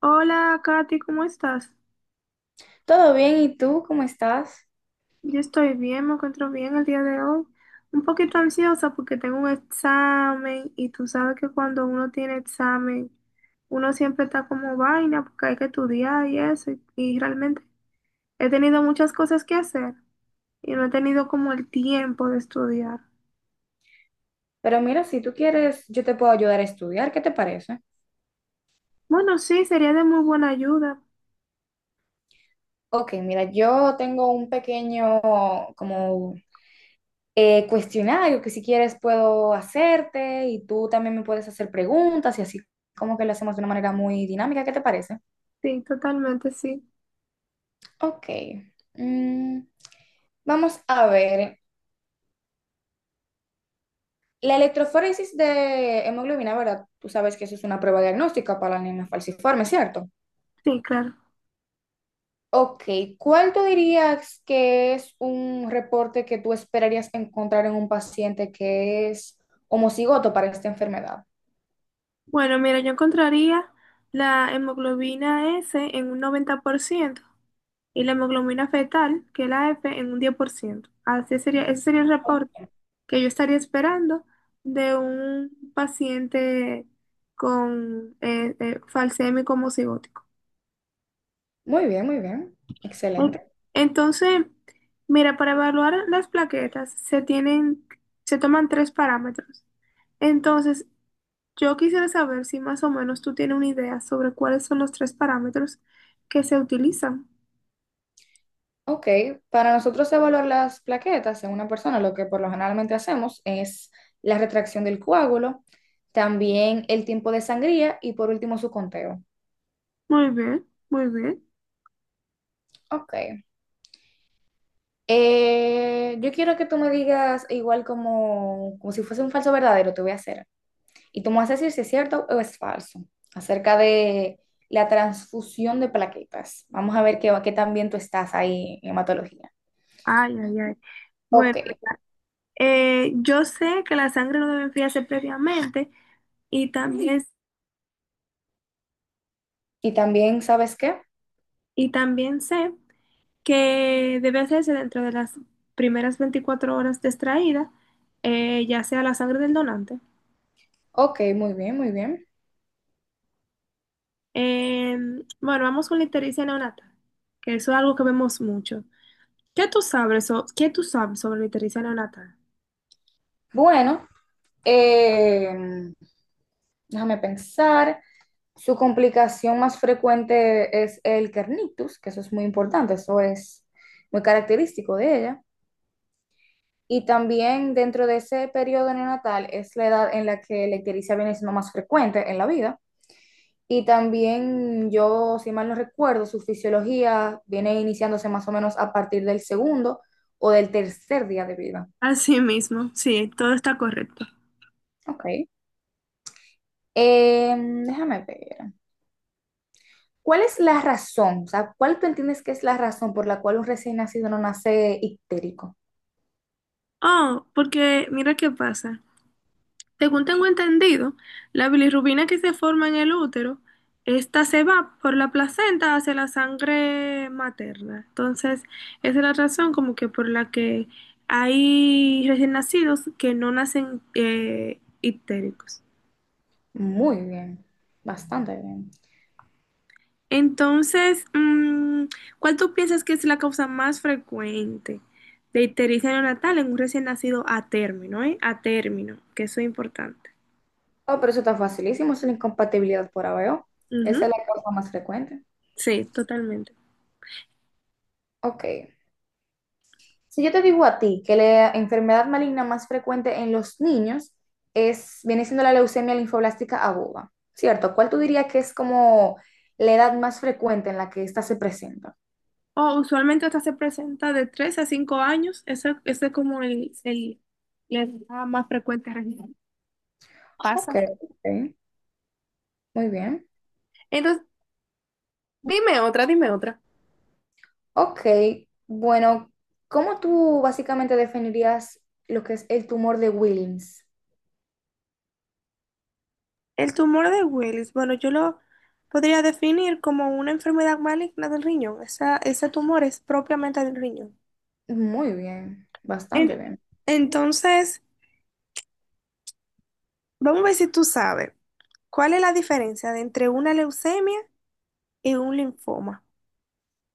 Hola, Katy, ¿cómo estás? Todo bien, ¿y tú cómo estás? Yo estoy bien, me encuentro bien el día de hoy. Un poquito ansiosa porque tengo un examen y tú sabes que cuando uno tiene examen, uno siempre está como vaina porque hay que estudiar y eso. Y realmente he tenido muchas cosas que hacer y no he tenido como el tiempo de estudiar. Pero mira, si tú quieres, yo te puedo ayudar a estudiar, ¿qué te parece? Bueno, sí, sería de muy buena ayuda. Ok, mira, yo tengo un pequeño como cuestionario que si quieres puedo hacerte y tú también me puedes hacer preguntas y así como que lo hacemos de una manera muy dinámica, ¿qué te parece? Sí, totalmente, sí. Ok, mm, vamos a ver. La electroforesis de hemoglobina, ¿verdad? Tú sabes que eso es una prueba diagnóstica para la anemia falciforme, ¿cierto? Sí, claro. Ok, ¿cuál tú dirías que es un reporte que tú esperarías encontrar en un paciente que es homocigoto para esta enfermedad? Bueno, mira, yo encontraría la hemoglobina S en un 90%. Y la hemoglobina fetal, que es la F, en un 10%. Así sería, ese sería el reporte que yo estaría esperando de un paciente con falsémico homocigótico. Muy bien, muy bien. Ok. Excelente. Entonces, mira, para evaluar las plaquetas se toman tres parámetros. Entonces, yo quisiera saber si más o menos tú tienes una idea sobre cuáles son los tres parámetros que se utilizan. Ok, para nosotros evaluar las plaquetas en una persona, lo que por lo generalmente hacemos es la retracción del coágulo, también el tiempo de sangría y por último su conteo. Muy bien, muy bien. Ok. Yo quiero que tú me digas igual como, como si fuese un falso verdadero, te voy a hacer. Y tú me vas a decir si es cierto o es falso acerca de la transfusión de plaquetas. Vamos a ver qué, qué tan bien tú estás ahí en hematología. Ay, ay, ay. Bueno. Ok. Yo sé que la sangre no debe enfriarse previamente y también, ¿Y también sabes qué? y también sé que debe hacerse dentro de las primeras 24 horas de extraída, ya sea la sangre del donante. Ok, muy bien, muy bien. Eh, bueno, vamos con la ictericia neonatal, que eso es algo que vemos mucho. ¿Qué tú sabes, qué tú sabes sobre la ictericia neonatal? Bueno, eh, déjame pensar. Su complicación más frecuente es el kernitus, que eso es muy importante, eso es muy característico de ella. Y también dentro de ese periodo neonatal es la edad en la que la ictericia viene siendo más frecuente en la vida. Y también yo, si mal no recuerdo, su fisiología viene iniciándose más o menos a partir del segundo o del tercer día de vida. Así mismo, sí, todo está correcto. Ok. Eh, Déjame ver. ¿Cuál es la razón? O sea, ¿cuál tú entiendes que es la razón por la cual un recién nacido no nace ictérico? Oh, porque mira qué pasa. Según tengo entendido, la bilirrubina que se forma en el útero, esta se va por la placenta hacia la sangre materna. Entonces, esa es la razón como que por la que hay recién nacidos que no nacen ictéricos. Muy bien, bastante bien. Entonces, ¿cuál tú piensas que es la causa más frecuente de ictericia neonatal en un recién nacido a término, eh? A término, que eso es importante. Oh, pero eso está facilísimo, es la incompatibilidad por ABO. Esa Ujú. es la causa más frecuente. Sí, totalmente. Ok. Si yo te digo a ti que la enfermedad maligna más frecuente en los niños es, viene siendo la leucemia linfoblástica aguda, ¿cierto? ¿Cuál tú dirías que es como la edad más frecuente en la que esta se presenta? O usualmente hasta se presenta de 3 a 5 años. Ese es como la edad más frecuente realmente. Ok, Pasa. ok, muy bien. Entonces, dime otra, dime otra. Ok, bueno, ¿cómo tú básicamente definirías lo que es el tumor de Wilms? El tumor de Willis, bueno, yo lo podría definir como una enfermedad maligna del riñón. Esa, ese tumor es propiamente del riñón. Muy bien, En- bastante bien. entonces, vamos a ver si tú sabes cuál es la diferencia de entre una leucemia y un linfoma.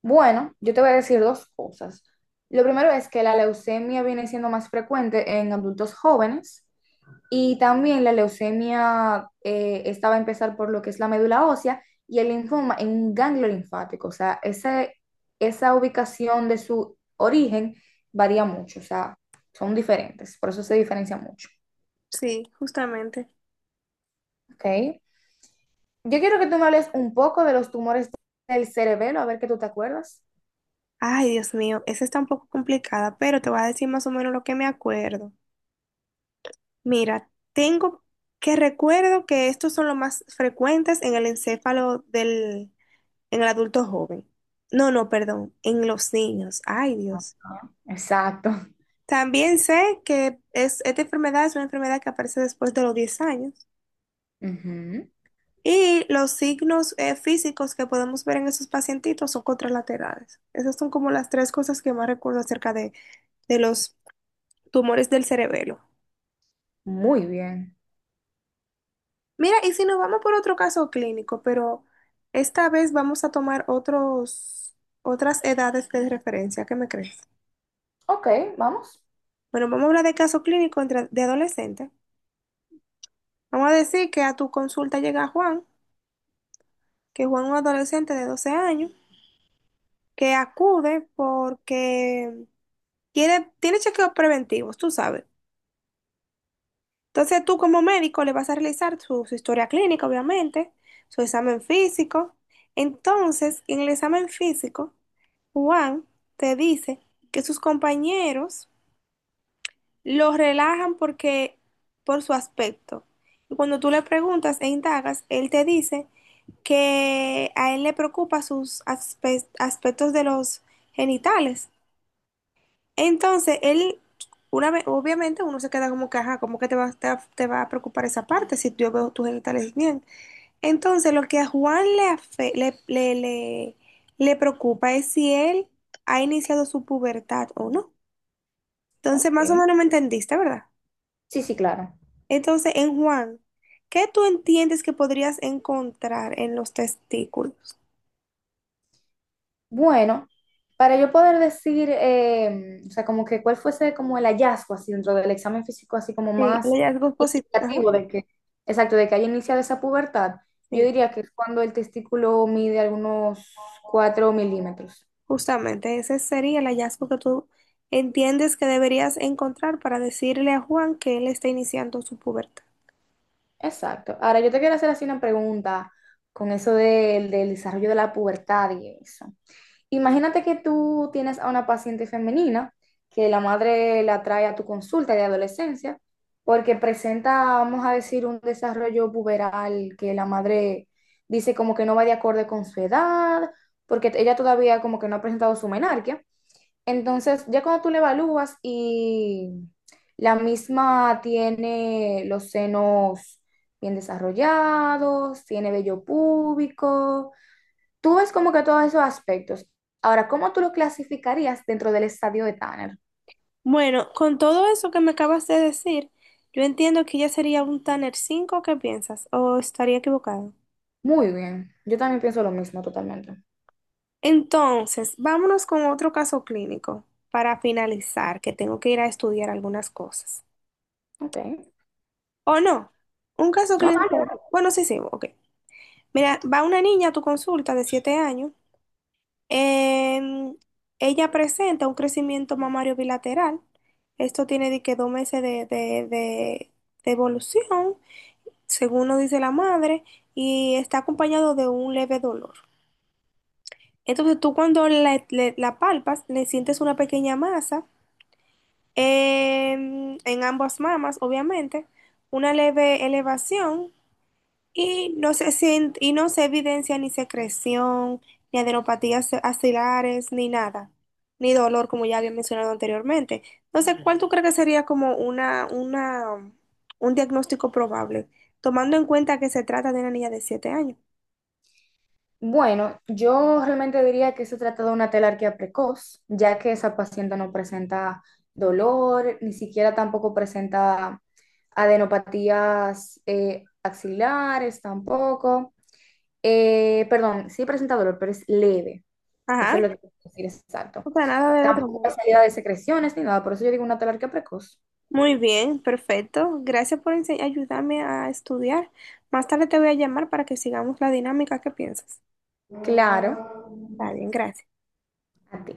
Bueno, yo te voy a decir dos cosas. Lo primero es que la leucemia viene siendo más frecuente en adultos jóvenes y también la leucemia esta va a empezar por lo que es la médula ósea y el linfoma en un ganglio linfático. O sea, esa ubicación de su origen varía mucho, o sea, son diferentes, por eso se diferencia mucho. Sí, justamente. ¿Ok? Yo quiero que tú me hables un poco de los tumores del cerebelo, a ver que tú te acuerdas. Ay, Dios mío, esa está un poco complicada, pero te voy a decir más o menos lo que me acuerdo. Mira, tengo que recuerdo que estos son los más frecuentes en el encéfalo en el adulto joven. No, no, perdón, en los niños. Ay, Dios. Exacto. También sé que esta enfermedad es una enfermedad que aparece después de los 10 años. Ujú. Y los signos físicos que podemos ver en esos pacientitos son contralaterales. Esas son como las tres cosas que más recuerdo acerca de los tumores del cerebelo. Muy bien. Mira, y si nos vamos por otro caso clínico, pero esta vez vamos a tomar otras edades de referencia, ¿qué me crees? Ok, vamos. Bueno, vamos a hablar de caso clínico de adolescente. Vamos a decir que a tu consulta llega Juan, que Juan es un adolescente de 12 años, que acude porque quiere, tiene chequeos preventivos, tú sabes. Entonces tú como médico le vas a realizar su historia clínica, obviamente, su examen físico. Entonces, en el examen físico, Juan te dice que sus compañeros lo relajan porque por su aspecto. Y cuando tú le preguntas e indagas, él te dice que a él le preocupa sus aspectos de los genitales. Entonces, él, una vez, obviamente uno se queda como que, ajá, ¿cómo que te va a preocupar esa parte si yo veo tus genitales bien? Entonces, lo que a Juan le, afe- le, le, le le preocupa es si él ha iniciado su pubertad o no. Ok. Entonces, más o Ok. menos me entendiste, ¿verdad? Sí, sí, claro. Entonces, en Juan, ¿qué tú entiendes que podrías encontrar en los testículos? Bueno, para yo poder decir, o sea, como que cuál fuese como el hallazgo así dentro del examen físico, así como Sí, el más hallazgo positivo. Ajá, indicativo de que, exacto, de que haya iniciado esa pubertad, yo sí, diría que es cuando el testículo mide algunos 4 milímetros. justamente ese sería el hallazgo que tú entiendes que deberías encontrar para decirle a Juan que él está iniciando su pubertad. Exacto. Ahora yo te quiero hacer así una pregunta con eso del desarrollo de la pubertad y eso. Imagínate que tú tienes a una paciente femenina que la madre la trae a tu consulta de adolescencia porque presenta, vamos a decir, un desarrollo puberal que la madre dice como que no va de acorde con su edad, porque ella todavía como que no ha presentado su menarquia. Entonces, ya cuando tú la evalúas y la misma tiene los senos bien desarrollados, tiene vello púbico. Tú ves como que todos esos aspectos. Ahora, ¿cómo tú lo clasificarías dentro del estadio de Tanner? Bueno, con todo eso que me acabas de decir, yo entiendo que ya sería un Tanner 5, ¿qué piensas? ¿O estaría equivocado? Muy bien, yo también pienso lo mismo totalmente. Entonces, vámonos con otro caso clínico para finalizar, que tengo que ir a estudiar algunas cosas. Ok. ¿O no? Un caso No, dale, clínico. dale. Bueno, sí, sí, ok. Mira, va una niña a tu consulta de 7 años. em, Ella presenta un crecimiento mamario bilateral. Esto tiene de que 2 meses de evolución, según nos dice la madre, y está acompañado de un leve dolor. Entonces, tú cuando la palpas, le sientes una pequeña masa en ambas mamas, obviamente, una leve elevación y y no se evidencia ni secreción, ni adenopatías axilares, ni nada, ni dolor, como ya había mencionado anteriormente. Entonces, ¿cuál tú crees que sería como un diagnóstico probable, tomando en cuenta que se trata de una niña de 7 años? Bueno, yo realmente diría que se trata de una telarquía precoz, ya que esa paciente no presenta dolor, ni siquiera tampoco presenta adenopatías axilares tampoco. Perdón, sí presenta dolor, pero es leve. Eso Ajá, es lo que quiero decir exacto. o sea, nada del otro Tampoco hay mundo. salida de secreciones ni nada, por eso yo digo una talarquía precoz. Muy bien, perfecto. Gracias por ayudarme a estudiar. Más tarde te voy a llamar para que sigamos la dinámica. ¿Qué piensas? Claro, Está bien, gracias. a ti.